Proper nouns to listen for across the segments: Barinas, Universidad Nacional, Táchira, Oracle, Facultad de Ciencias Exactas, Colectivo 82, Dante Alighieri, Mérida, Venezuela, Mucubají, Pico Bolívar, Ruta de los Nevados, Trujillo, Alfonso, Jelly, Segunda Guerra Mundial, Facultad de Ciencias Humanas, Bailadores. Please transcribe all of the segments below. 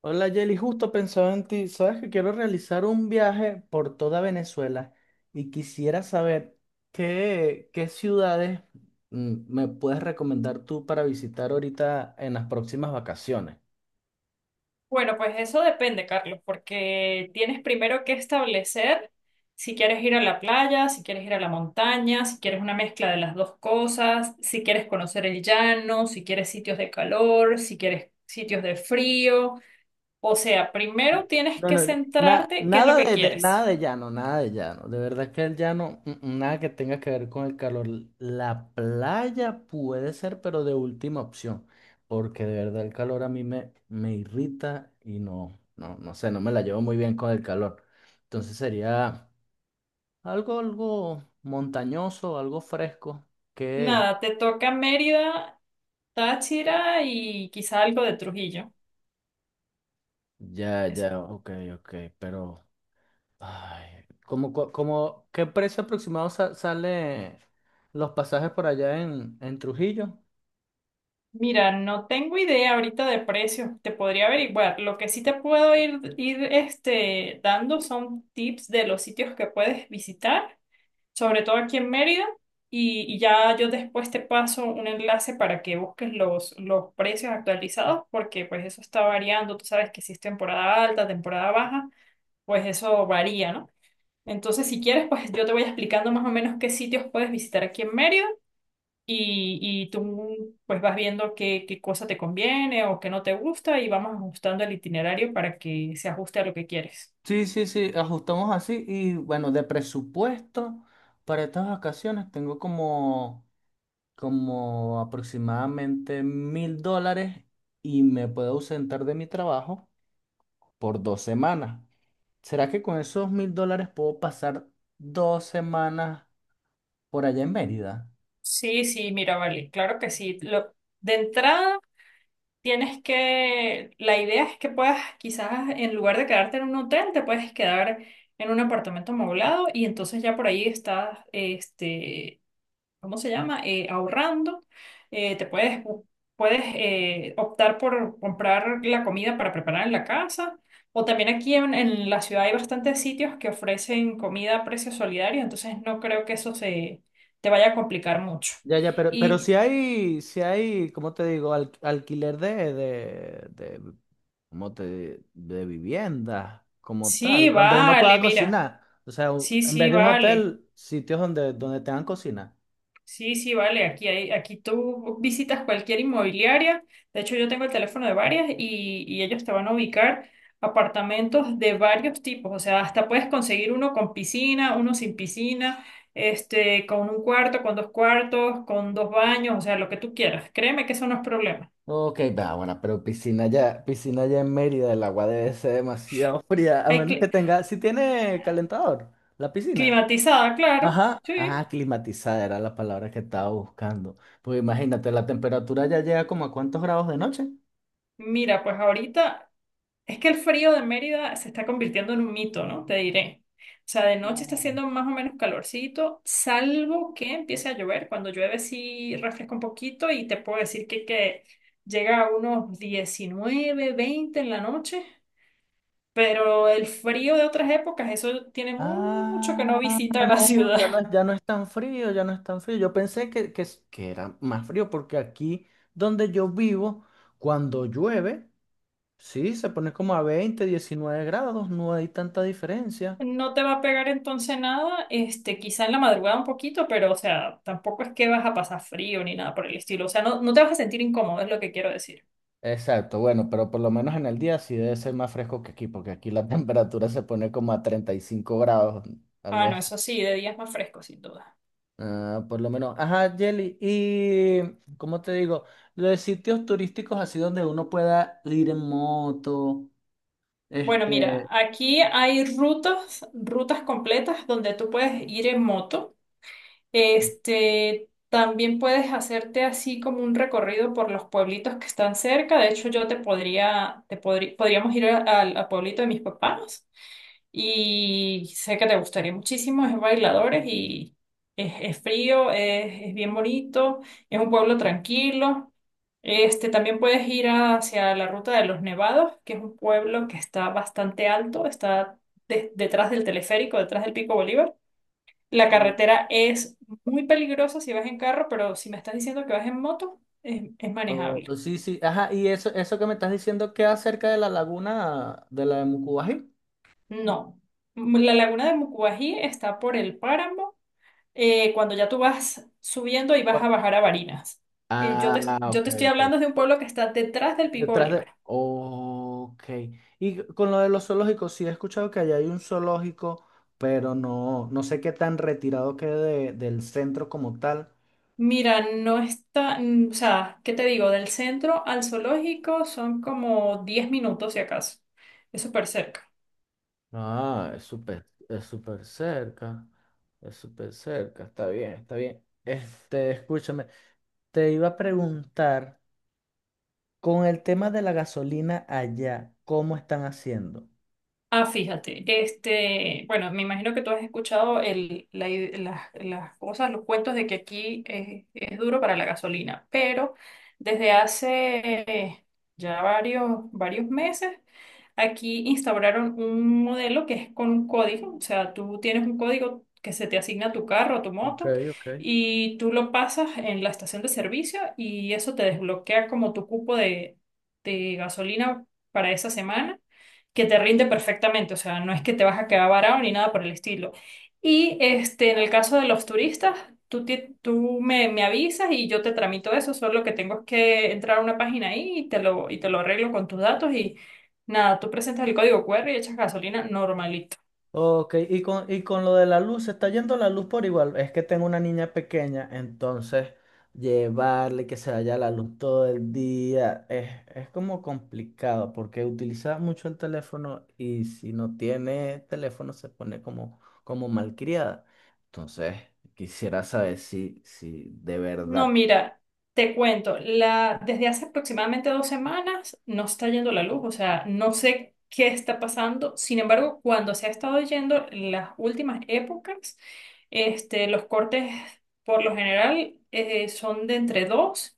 Hola Jelly, justo pensaba en ti. Sabes que quiero realizar un viaje por toda Venezuela y quisiera saber qué ciudades me puedes recomendar tú para visitar ahorita en las próximas vacaciones. Bueno, pues eso depende, Carlos, porque tienes primero que establecer si quieres ir a la playa, si quieres ir a la montaña, si quieres una mezcla de las dos cosas, si quieres conocer el llano, si quieres sitios de calor, si quieres sitios de frío. O sea, primero tienes No, que no, centrarte qué es lo nada que nada quieres. de llano, nada de llano. De verdad que el llano, nada que tenga que ver con el calor. La playa puede ser, pero de última opción, porque de verdad el calor a mí me irrita y no, no, no sé, no me la llevo muy bien con el calor. Entonces sería algo montañoso, algo fresco, que Nada, te toca Mérida, Táchira y quizá algo de Trujillo. ya, ya, ok, ok, pero ay, ¿ qué precio aproximado sale los pasajes por allá en Trujillo? Mira, no tengo idea ahorita de precios, te podría averiguar. Lo que sí te puedo ir dando son tips de los sitios que puedes visitar, sobre todo aquí en Mérida, y ya yo después te paso un enlace para que busques los precios actualizados, porque pues eso está variando, tú sabes que si es temporada alta, temporada baja, pues eso varía, ¿no? Entonces, si quieres, pues yo te voy explicando más o menos qué sitios puedes visitar aquí en Mérida y, y tú pues vas viendo qué cosa te conviene o qué no te gusta y vamos ajustando el itinerario para que se ajuste a lo que quieres. Sí, sí, sí, ajustamos así y bueno, de presupuesto para estas vacaciones tengo como aproximadamente 1000 dólares y me puedo ausentar de mi trabajo por 2 semanas. ¿Será que con esos 1000 dólares puedo pasar 2 semanas por allá en Mérida? Sí, sí, mira, vale, claro que sí. De entrada, la idea es que puedas quizás en lugar de quedarte en un hotel, te puedes quedar en un apartamento amoblado y entonces ya por ahí estás, ¿cómo se llama? Ahorrando. Eh, te puedes, bu- puedes optar por comprar la comida para preparar en la casa. O también aquí en la ciudad hay bastantes sitios que ofrecen comida a precio solidario, entonces no creo que eso se te vaya a complicar mucho. Ya, ya, pero Y si hay, ¿cómo te digo? Alquiler, ¿cómo te, de vivienda, como tal, sí, donde uno vale, pueda mira, cocinar. O sea, sí, en sí, vez de un vale. hotel, sitios donde tengan cocina. Sí, sí, vale. Aquí tú visitas cualquier inmobiliaria. De hecho, yo tengo el teléfono de varias y ellos te van a ubicar apartamentos de varios tipos. O sea, hasta puedes conseguir uno con piscina, uno sin piscina, con un cuarto, con dos cuartos, con dos baños, o sea, lo que tú quieras. Créeme que eso no es problema. Ok, va, bueno, pero piscina ya en Mérida, el agua debe ser demasiado fría, a Hay menos que cli- tenga, si tiene calentador, la piscina. climatizada, claro. Ajá, Sí. ajá, climatizada era la palabra que estaba buscando. Pues imagínate, la temperatura ya llega como a cuántos grados de noche. Mira, pues ahorita es que el frío de Mérida se está convirtiendo en un mito, ¿no? Te diré. O sea, de noche está No. haciendo más o menos calorcito, salvo que empiece a llover. Cuando llueve sí refresca un poquito y te puedo decir que llega a unos 19, 20 en la noche, pero el frío de otras épocas, eso tiene mucho que no Ah, visita la no, ya no ciudad. es, ya no es tan frío, ya no es tan frío. Yo pensé que era más frío porque aquí donde yo vivo, cuando llueve, sí, se pone como a 20, 19 grados, no hay tanta diferencia. No te va a pegar entonces nada, quizá en la madrugada un poquito, pero o sea, tampoco es que vas a pasar frío ni nada por el estilo. O sea, no, no te vas a sentir incómodo, es lo que quiero decir. Exacto, bueno, pero por lo menos en el día sí debe ser más fresco que aquí, porque aquí la temperatura se pone como a 35 grados, algo Ah, no, así. eso sí, de días más frescos, sin duda. Ah, por lo menos. Ajá, Jelly. Y, ¿cómo te digo? Los de sitios turísticos así donde uno pueda ir en moto, Bueno, mira, este, aquí hay rutas, rutas completas donde tú puedes ir en moto. También puedes hacerte así como un recorrido por los pueblitos que están cerca. De hecho, yo te podría, te podrí- podríamos ir al pueblito de mis papás. Y sé que te gustaría muchísimo, es en Bailadores y es frío, es bien bonito, es un pueblo tranquilo. También puedes ir hacia la Ruta de los Nevados, que es un pueblo que está bastante alto, está detrás del teleférico, detrás del Pico Bolívar. La o, carretera es muy peligrosa si vas en carro, pero si me estás diciendo que vas en moto, es manejable. Sí, sí, ajá, y eso que me estás diciendo queda cerca de la laguna de la de Mucubají. No. La laguna de Mucubají está por el páramo cuando ya tú vas subiendo y vas Bueno. a bajar a Barinas. Eh, yo te, Ah, yo ok, te estoy ok. hablando de un pueblo que está detrás del Pico Detrás de, Bolívar. ok. Y con lo de los zoológicos, sí he escuchado que allá hay un zoológico, pero no, no sé qué tan retirado quede del centro como tal. Mira, no está, o sea, ¿qué te digo? Del centro al zoológico son como 10 minutos si acaso. Es súper cerca. Ah, es súper cerca. Es súper cerca. Está bien, está bien. Este, escúchame. Te iba a preguntar, con el tema de la gasolina allá, ¿cómo están haciendo? Ah, fíjate, bueno, me imagino que tú has escuchado el, la i- las cosas, los cuentos de que aquí es duro para la gasolina, pero desde hace eh, ya varios, varios meses, aquí instauraron un modelo que es con un código, o sea, tú tienes un código que se te asigna a tu carro, a tu Ok, moto, ok. y tú lo pasas en la estación de servicio y eso te desbloquea como tu cupo de gasolina para esa semana que te rinde perfectamente, o sea, no es que te vas a quedar varado ni nada por el estilo. Y en el caso de los turistas, tú me avisas y yo te tramito eso, solo que tengo es que entrar a una página ahí y te lo arreglo con tus datos y nada, tú presentas el código QR y echas gasolina normalito. Ok, y con, y con, lo de la luz, se está yendo la luz por igual. Es que tengo una niña pequeña, entonces llevarle que se vaya la luz todo el día es como complicado porque utiliza mucho el teléfono y si no tiene teléfono se pone como malcriada. Entonces, quisiera saber si de No, verdad. mira, te cuento, desde hace aproximadamente 2 semanas no está yendo la luz, o sea, no sé qué está pasando. Sin embargo, cuando se ha estado yendo en las últimas épocas, los cortes por lo general son de entre 2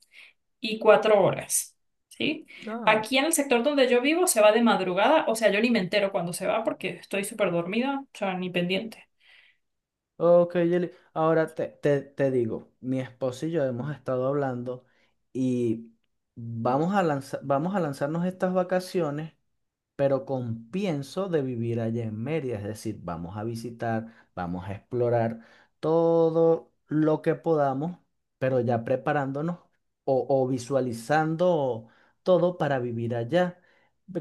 y 4 horas, ¿sí? Aquí en el sector donde yo vivo se va de madrugada, o sea, yo ni me entero cuando se va porque estoy súper dormida, o sea, ni pendiente. Ok, Yeli. Ahora te digo, mi esposo y yo hemos estado hablando y vamos a lanzarnos estas vacaciones, pero con pienso de vivir allá en Mérida, es decir, vamos a visitar, vamos a explorar todo lo que podamos, pero ya preparándonos o visualizando todo para vivir allá.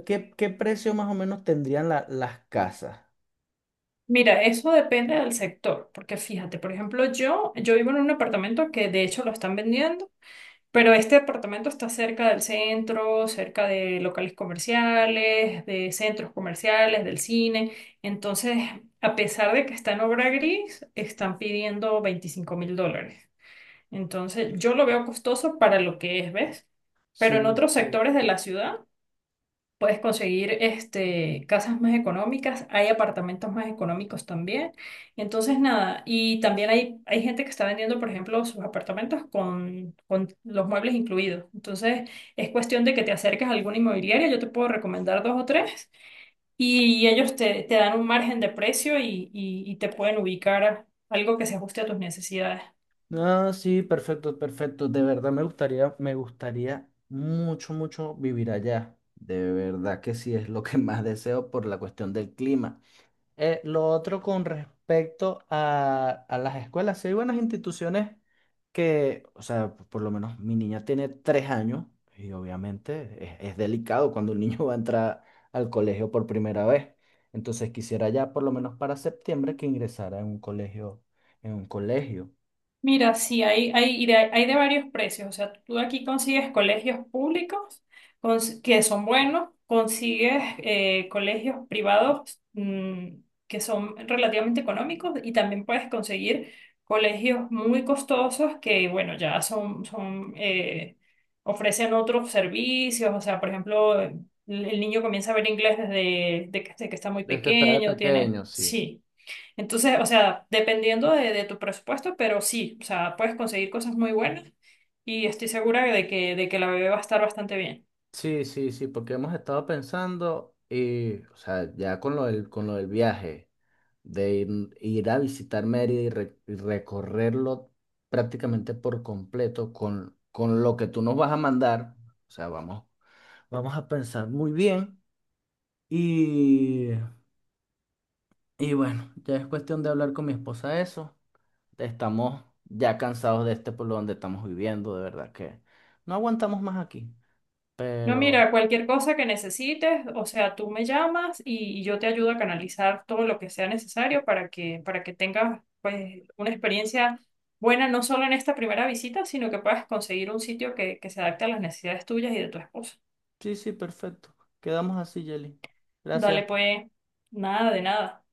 ¿Qué precio más o menos tendrían las casas? Mira, eso depende del sector, porque fíjate, por ejemplo, yo vivo en un apartamento que de hecho lo están vendiendo, pero este apartamento está cerca del centro, cerca de locales comerciales, de centros comerciales, del cine. Entonces, a pesar de que está en obra gris, están pidiendo $25.000. Entonces, yo lo veo costoso para lo que es, ¿ves? Pero en Sí, otros sí. sectores de la ciudad. Puedes conseguir casas más económicas, hay apartamentos más económicos también. Entonces, nada, y también hay gente que está vendiendo, por ejemplo, sus apartamentos con los muebles incluidos. Entonces, es cuestión de que te acerques a alguna inmobiliaria, yo te puedo recomendar dos o tres, y ellos te dan un margen de precio y te pueden ubicar algo que se ajuste a tus necesidades. Ah, sí, perfecto, perfecto. De verdad me gustaría mucho, mucho vivir allá. De verdad que sí es lo que más deseo por la cuestión del clima. Lo otro con respecto a las escuelas, sí hay buenas instituciones que, o sea, por lo menos mi niña tiene 3 años y obviamente es delicado cuando un niño va a entrar al colegio por primera vez. Entonces quisiera ya por lo menos para septiembre que ingresara en un colegio, en un colegio. Mira, sí, hay de varios precios. O sea, tú aquí consigues colegios públicos que son buenos, consigues colegios privados que son relativamente económicos y también puedes conseguir colegios muy costosos que, bueno, ya son ofrecen otros servicios. O sea, por ejemplo, el niño comienza a ver inglés desde de que está muy Desde que estaba pequeño, tiene... pequeño, sí. Sí. Entonces, o sea, dependiendo de tu presupuesto, pero sí, o sea, puedes conseguir cosas muy buenas y estoy segura de que, la bebé va a estar bastante bien. Sí, sí, sí, porque hemos estado pensando y, o sea, ya con lo del viaje, de ir a visitar Mérida y, y recorrerlo prácticamente por completo con lo que tú nos vas a mandar. O sea, vamos a pensar muy bien y, y bueno, ya es cuestión de hablar con mi esposa eso. Estamos ya cansados de este pueblo donde estamos viviendo, de verdad que no aguantamos más aquí, No, mira, pero cualquier cosa que necesites, o sea, tú me llamas y yo te ayudo a canalizar todo lo que sea necesario para que tengas, pues, una experiencia buena, no solo en esta primera visita, sino que puedas conseguir un sitio que se adapte a las necesidades tuyas y de tu esposo. sí, sí, perfecto. Quedamos así, Jelly. Dale, Gracias. pues, nada de nada.